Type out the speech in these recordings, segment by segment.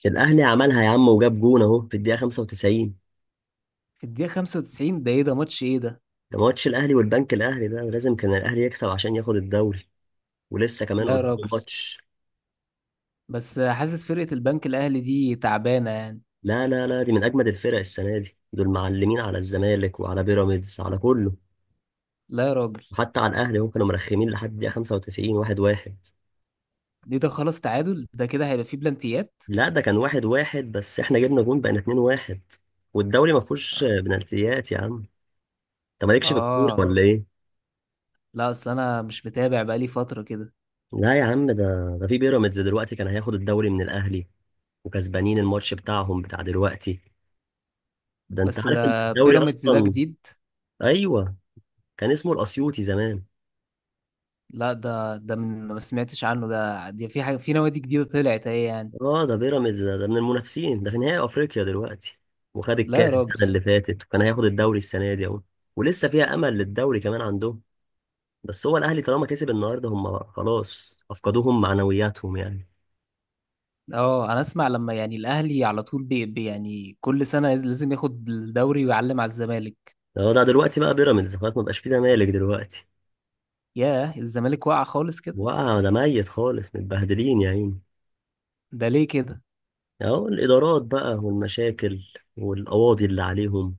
كان الاهلي عملها يا عم وجاب جون، اهو في الدقيقه 95. في الدقيقة 95، ده ايه؟ ده ماتش ايه ده؟ ده ماتش الاهلي والبنك الاهلي، ده لازم كان الاهلي يكسب عشان ياخد الدوري ولسه كمان لا يا قدامه راجل. ماتش. بس حاسس فرقة البنك الأهلي دي تعبانة يعني. لا لا لا، دي من اجمد الفرق السنه دي، دول معلمين على الزمالك وعلى بيراميدز على كله لا يا راجل. وحتى على الاهلي. هم كانوا مرخمين لحد الدقيقه 95 واحد واحد. دي ده خلاص، تعادل ده كده هيبقى فيه بلانتيات. لا، ده كان واحد واحد بس احنا جبنا جون بقينا 2 واحد. والدوري ما فيهوش آه. بنالتيات يا عم. انت مالكش في الكوره آه. ولا ايه؟ لا، أصل أنا مش متابع بقالي فترة كده. لا يا عم، ده ده في بيراميدز دلوقتي كان هياخد الدوري من الاهلي وكسبانين الماتش بتاعهم بتاع دلوقتي. ده انت بس عارف ان ده الدوري بيراميدز ده اصلا. جديد. ايوه، كان اسمه الاسيوطي زمان. لا، ده من ما سمعتش عنه، ده دي في حاجة، في نوادي جديدة طلعت اهي يعني. اه، ده بيراميدز ده، من المنافسين، ده في نهائي افريقيا دلوقتي وخد لا الكاس يا راجل. السنه اللي فاتت وكان هياخد الدوري السنه دي اهو. ولسه فيها امل للدوري كمان عندهم، بس هو الاهلي طالما كسب النهارده هم خلاص افقدوهم معنوياتهم يعني. اه، انا اسمع لما يعني الاهلي على طول يعني كل سنة لازم ياخد الدوري ويعلم على الزمالك. اه، ده دلوقتي بقى بيراميدز خلاص، ما بقاش في زمالك دلوقتي. ياه، الزمالك واقع خالص كده. وقع، ده ميت خالص، متبهدلين يا عيني. ده ليه كده؟ اهو الادارات بقى والمشاكل والقواضي اللي عليهم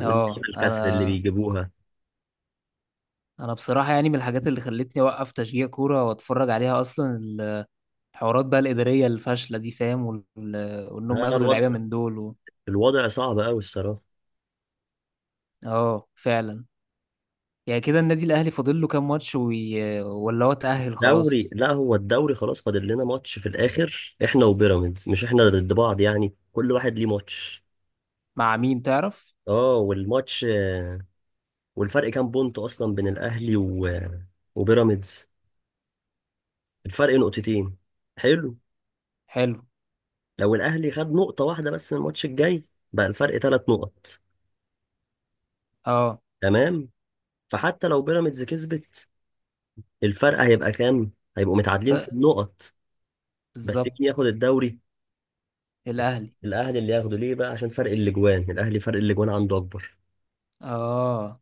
اه، والقيمة انا الكسر اللي بيجيبوها. انا بصراحه يعني من الحاجات اللي خلتني اوقف تشجيع كوره واتفرج عليها اصلا، الحوارات بقى الاداريه الفاشله دي فاهم، وال. وان لا هم لا، ياخدوا لعيبه الوضع من دول و. الوضع صعب قوي الصراحة. اه فعلا. يعني كده النادي الاهلي فاضل له كام ماتش وي. ولا هو اتاهل دوري، خلاص؟ لا هو الدوري خلاص فاضل لنا ماتش في الآخر احنا وبيراميدز، مش احنا ضد بعض يعني، كل واحد ليه ماتش. مع مين تعرف؟ اه والماتش آه، والفرق كام بونت اصلا بين الاهلي و... وبيراميدز. الفرق نقطتين. حلو. حلو. لو الاهلي خد نقطة واحدة بس من الماتش الجاي بقى الفرق ثلاث نقط. اه. تمام. فحتى لو بيراميدز كسبت الفرق هيبقى كام؟ هيبقوا متعادلين في ت- النقط. بس مين بالظبط. ياخد الدوري؟ الاهلي. الاهلي اللي ياخده ليه بقى؟ عشان فرق الاجوان، الاهلي فرق الاجوان عنده اكبر. اه.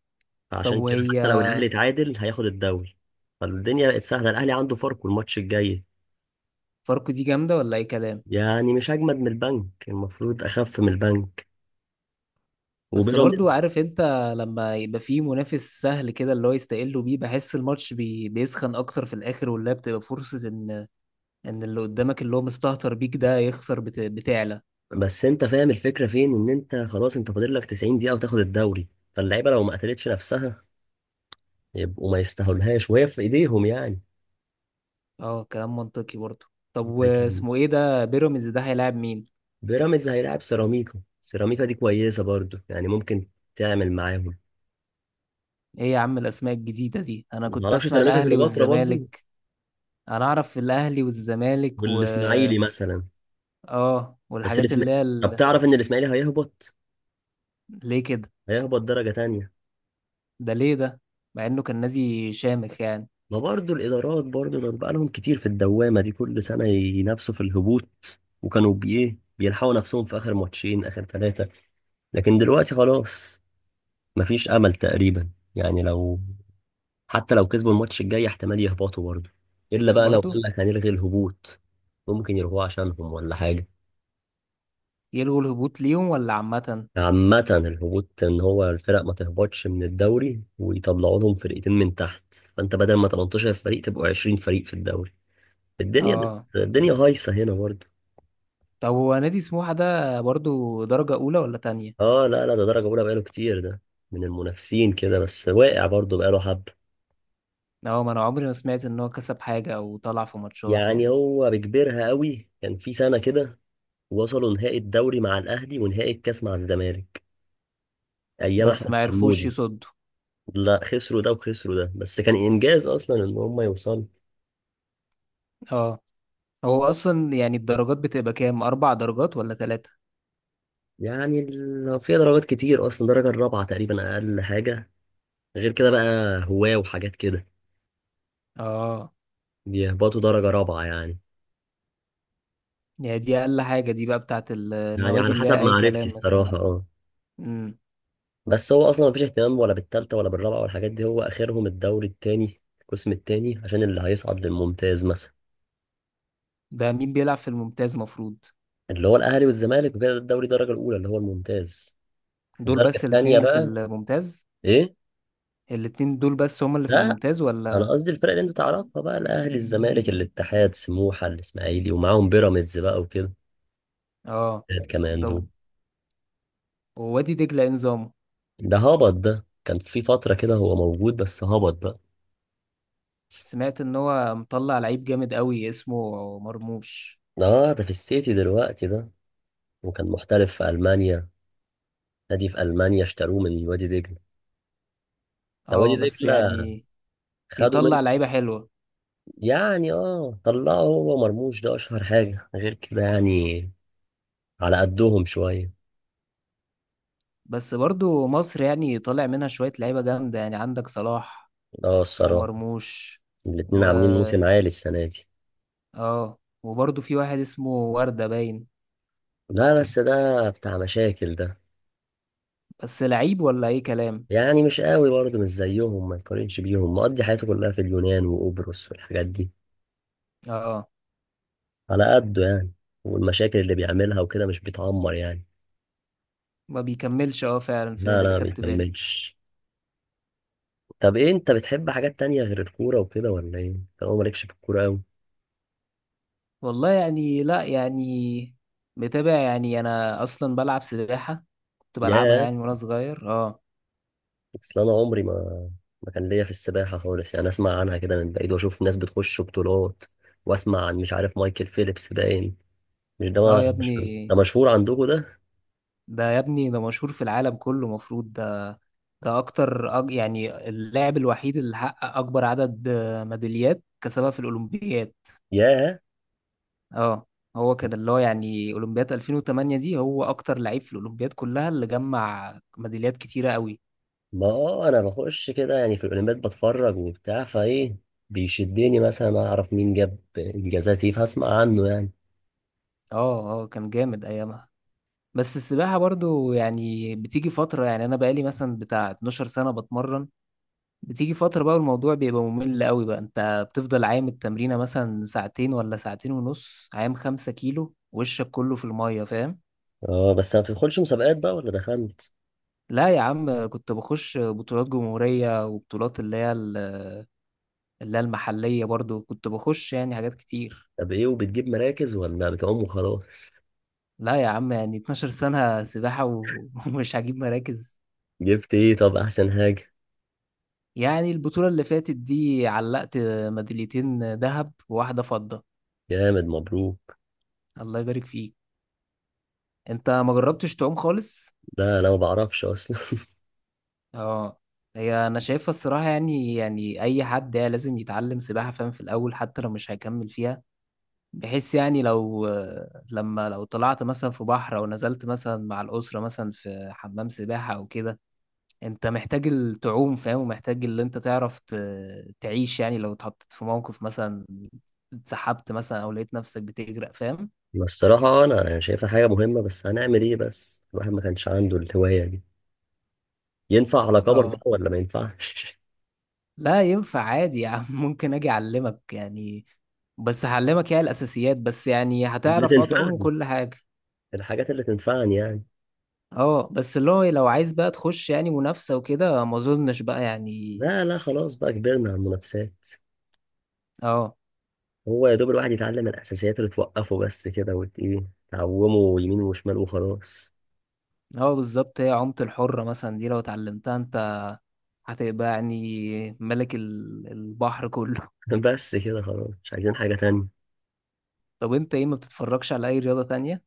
طب فعشان كده وهي حتى لو الاهلي اتعادل هياخد الدوري. فالدنيا بقت سهله، الاهلي عنده فرق والماتش الجاي فاركو دي جامده ولا اي كلام؟ يعني مش اجمد من البنك، المفروض اخف من البنك بس برضو وبيراميدز. عارف انت، لما يبقى فيه منافس سهل كده اللي هو يستقلوا بيه، بحس الماتش بيسخن اكتر في الاخر، واللي هي بتبقى فرصة ان، ان اللي قدامك اللي هو مستهتر بيك ده يخسر بت. بتعلى. بس انت فاهم الفكره فين؟ ان انت خلاص انت فاضل لك 90 دقيقه وتاخد الدوري، فاللعيبه لو ما قتلتش نفسها يبقوا ما يستاهلهاش وهي في ايديهم يعني. اه كلام منطقي برضو. طب لكن واسمه ايه ده بيراميدز ده؟ هيلاعب مين؟ بيراميدز هيلاعب سيراميكا، سيراميكا دي كويسه برضو يعني، ممكن تعمل معاهم. ايه يا عم الاسماء الجديدة دي؟ انا ما كنت تعرفش اسمع سيراميكا الاهلي كليوباترا برضو؟ والزمالك. انا اعرف الاهلي والزمالك، و. والاسماعيلي مثلا، اه بس والحاجات الاسم. اللي هي طب ال. تعرف ان الاسماعيلي هيهبط؟ ليه كده؟ هيهبط درجة تانية. ده ليه ده؟ مع انه كان نادي شامخ يعني. ما برضو الادارات، برضو دول بقى لهم كتير في الدوامة دي كل سنة ينافسوا في الهبوط وكانوا بيه بيلحقوا نفسهم في اخر ماتشين اخر ثلاثة، لكن دلوقتي خلاص مفيش امل تقريبا. يعني لو، حتى لو كسبوا الماتش الجاي احتمال يهبطوا برضو، الا بقى لو برضو. قال لك هنلغي الهبوط. ممكن يلغوه عشانهم ولا حاجة. يلغوا الهبوط ليهم ولا عامة؟ عامة، الهبوط ان هو الفرق ما تهبطش من الدوري ويطلعوا لهم فرقتين من تحت، فانت بدل ما 18 فريق تبقوا 20 فريق في الدوري. اه، الدنيا هايصة هنا برضه. طب هو نادي سموحة ده برضو درجة أولى ولا تانية؟ اه، لا لا، ده درجة اولى بقاله كتير ده، من المنافسين كده بس واقع برضه بقاله حبة. اه، ما أنا عمري ما سمعت إن هو كسب حاجة أو طلع في ماتشات يعني يعني. هو بيكبرها قوي، كان في سنة كده وصلوا نهائي الدوري مع الاهلي ونهائي الكاس مع الزمالك، ايام بس احمد ما عرفوش حمودي. يصدوا. لا، خسروا ده وخسروا ده بس كان انجاز اصلا ان هم يوصلوا. اه. هو أصلا يعني الدرجات بتبقى كام؟ أربع درجات ولا تلاتة؟ يعني فيها درجات كتير اصلا، درجه الرابعه تقريبا اقل حاجه، غير كده بقى هواه وحاجات كده، اه. بيهبطوا درجه رابعه يعني. يعني دي أقل حاجة دي بقى بتاعت يعني النوادي على اللي حسب هي أي معرفتي كلام مثلا، الصراحه أقول. اه، امم. بس هو اصلا مفيش اهتمام ولا بالتالتة ولا بالرابعه والحاجات دي، هو اخرهم الدوري التاني القسم التاني عشان اللي هيصعد للممتاز مثلا. ده مين بيلعب في الممتاز مفروض؟ اللي هو الاهلي والزمالك وكده، ده الدوري الدرجه الاولى اللي هو الممتاز. دول الدرجه بس الاتنين التانيه اللي في بقى. الممتاز؟ ايه. الاتنين دول بس هما اللي في لا، الممتاز انا ولا؟ قصدي الفرق اللي انت تعرفها بقى، الاهلي الزمالك الاتحاد سموحه الاسماعيلي ومعاهم بيراميدز بقى وكده اه. كمان دول. طب ووادي دجلة إيه نظامه؟ ده هبط، ده كان في فترة كده هو موجود بس هبط بقى. سمعت ان هو مطلع لعيب جامد قوي اسمه مرموش. اه ده في السيتي دلوقتي ده، وكان محترف في ألمانيا، نادي في ألمانيا اشتروه من وادي دجلة. ده وادي اه بس دجلة يعني خدوا من، بيطلع لعيبة حلوة. يعني اه طلعوا، هو مرموش ده أشهر حاجة، غير كده يعني على قدهم شوية. بس برضو مصر يعني طالع منها شوية لعيبة جامدة، يعني عندك صلاح اه الصراحة ومرموش. الاتنين و، عاملين موسم عالي السنة دي. اه، وبرضو في واحد اسمه وردة باين. لا بس ده بتاع مشاكل ده، بس لعيب ولا اي كلام؟ يعني مش قوي برضه مش زيهم، ما يقارنش بيهم، مقضي حياته كلها في اليونان وقبرص والحاجات دي. اه. آه. على قده يعني، والمشاكل اللي بيعملها وكده مش بيتعمر يعني. ما بيكملش، اه فعلا. في لا لا، نادي ما خدت بالي. بيكملش. طب ايه، انت بتحب حاجات تانية غير الكورة وكده ولا ايه؟ طالما مالكش في الكورة أوي. والله يعني لا، يعني متابع يعني، انا اصلا بلعب سباحة، كنت بلعبها ياه، يعني وانا صغير، اه. اصل انا عمري ما، ما كان ليا في السباحة خالص يعني، اسمع عنها كده من بعيد واشوف ناس بتخش بطولات واسمع عن، مش عارف، مايكل فيليبس باين، مش ده اه ما- يا مش- ده ابني، مشهور عندكم ده؟ ده يا ابني ده مشهور في العالم كله مفروض ده. ده اكتر يعني اللاعب الوحيد اللي حقق اكبر عدد ميداليات كسبها في الاولمبياد. ياه. اه. هو كان اللي هو يعني اولمبياد 2008 دي، هو اكتر لعيب في الاولمبياد كلها اللي جمع ميداليات كتيرة قوي. ما آه انا بخش كده يعني في الاولمبياد بتفرج وبتاع فايه، بيشدني مثلا اعرف مين جاب انجازات ايه فاسمع عنه يعني. اه. اه، كان جامد ايامها. بس السباحة برضو يعني بتيجي فترة، يعني انا بقالي مثلا بتاع 12 سنة بتمرن، بتيجي فترة بقى الموضوع بيبقى ممل قوي، بقى انت بتفضل عايم التمرينة مثلا ساعتين ولا ساعتين ونص، عايم خمسة كيلو وشك كله في المية، فاهم. اه بس ما بتدخلش مسابقات بقى ولا دخلت؟ لا يا عم، كنت بخش بطولات جمهورية وبطولات اللي هي ال. اللي هي المحلية برضو كنت بخش، يعني حاجات كتير. طب ايه، وبتجيب مراكز ولا بتعوم وخلاص؟ لا يا عم، يعني 12 سنة سباحة و- ومش هجيب مراكز؟ جبت ايه طب احسن حاجة؟ يعني البطولة اللي فاتت دي علقت ميداليتين ذهب وواحدة فضة. جامد، مبروك. الله يبارك فيك. انت ما جربتش تعوم خالص؟ لا انا ما بعرفش اصلا اه. هي انا شايفها الصراحه يعني اي حد يعني لازم يتعلم سباحه فاهم، في الاول، حتى لو مش هيكمل فيها، بحيث يعني لو، لما لو طلعت مثلا في بحر او نزلت مثلا مع الاسره مثلا في حمام سباحه او كده، انت محتاج التعوم فاهم، ومحتاج اللي انت تعرف تعيش يعني، لو اتحطيت في موقف مثلا، اتسحبت مثلا او لقيت نفسك بتغرق فاهم. بس الصراحة انا يعني شايفها حاجة مهمة، بس هنعمل ايه بس، الواحد ما كانش عنده الهواية دي، ينفع على كبر بقى اه. ولا ما ينفعش؟ لا ينفع عادي يا عم، ممكن اجي اعلمك يعني، بس هعلمك يعني الاساسيات بس، يعني اللي هتعرف اه تعوم تنفعني، وكل حاجه. الحاجات اللي تنفعني يعني. اه، بس اللي هو لو عايز بقى تخش يعني منافسه وكده ما اظنش بقى يعني. لا لا خلاص بقى، كبرنا على المنافسات. اه. هو يا دوب الواحد يتعلم الاساسيات اللي توقفه بس كده، وت ايه، تعومه يمين وشمال وخلاص. اه، بالظبط. هي عومة الحرة مثلا دي لو اتعلمتها انت، هتبقى يعني ملك البحر كله. بس كده خلاص مش عايزين حاجة تانية. طب انت ايه؟ ما بتتفرجش على اي رياضة تانية؟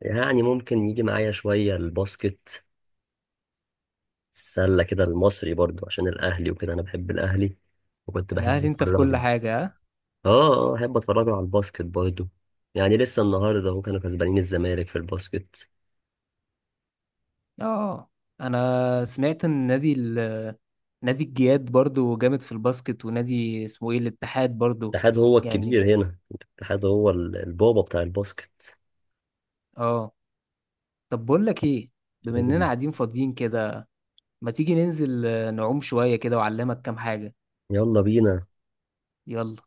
يعني ممكن يجي معايا شوية الباسكت، السلة كده، المصري برضو عشان الأهلي وكده، أنا بحب الأهلي وكنت الاهلي بحب انت في كل أتفرج. حاجة، ها. آه. آه أحب أتفرجه على الباسكت برضو، يعني لسه النهاردة هو كانوا كسبانين الزمالك في الباسكت. اه. انا سمعت ان نادي ال. نادي الجياد برضو جامد في الباسكت، ونادي اسمه ايه، الاتحاد برضو. الاتحاد هو يعني الكبير هنا، الاتحاد هو البابا بتاع الباسكت. اه. طب بقول لك ايه، بما اننا قاعدين فاضيين كده، ما تيجي ننزل نعوم شوية كده وأعلمك كام حاجة. يلا بينا. يلا.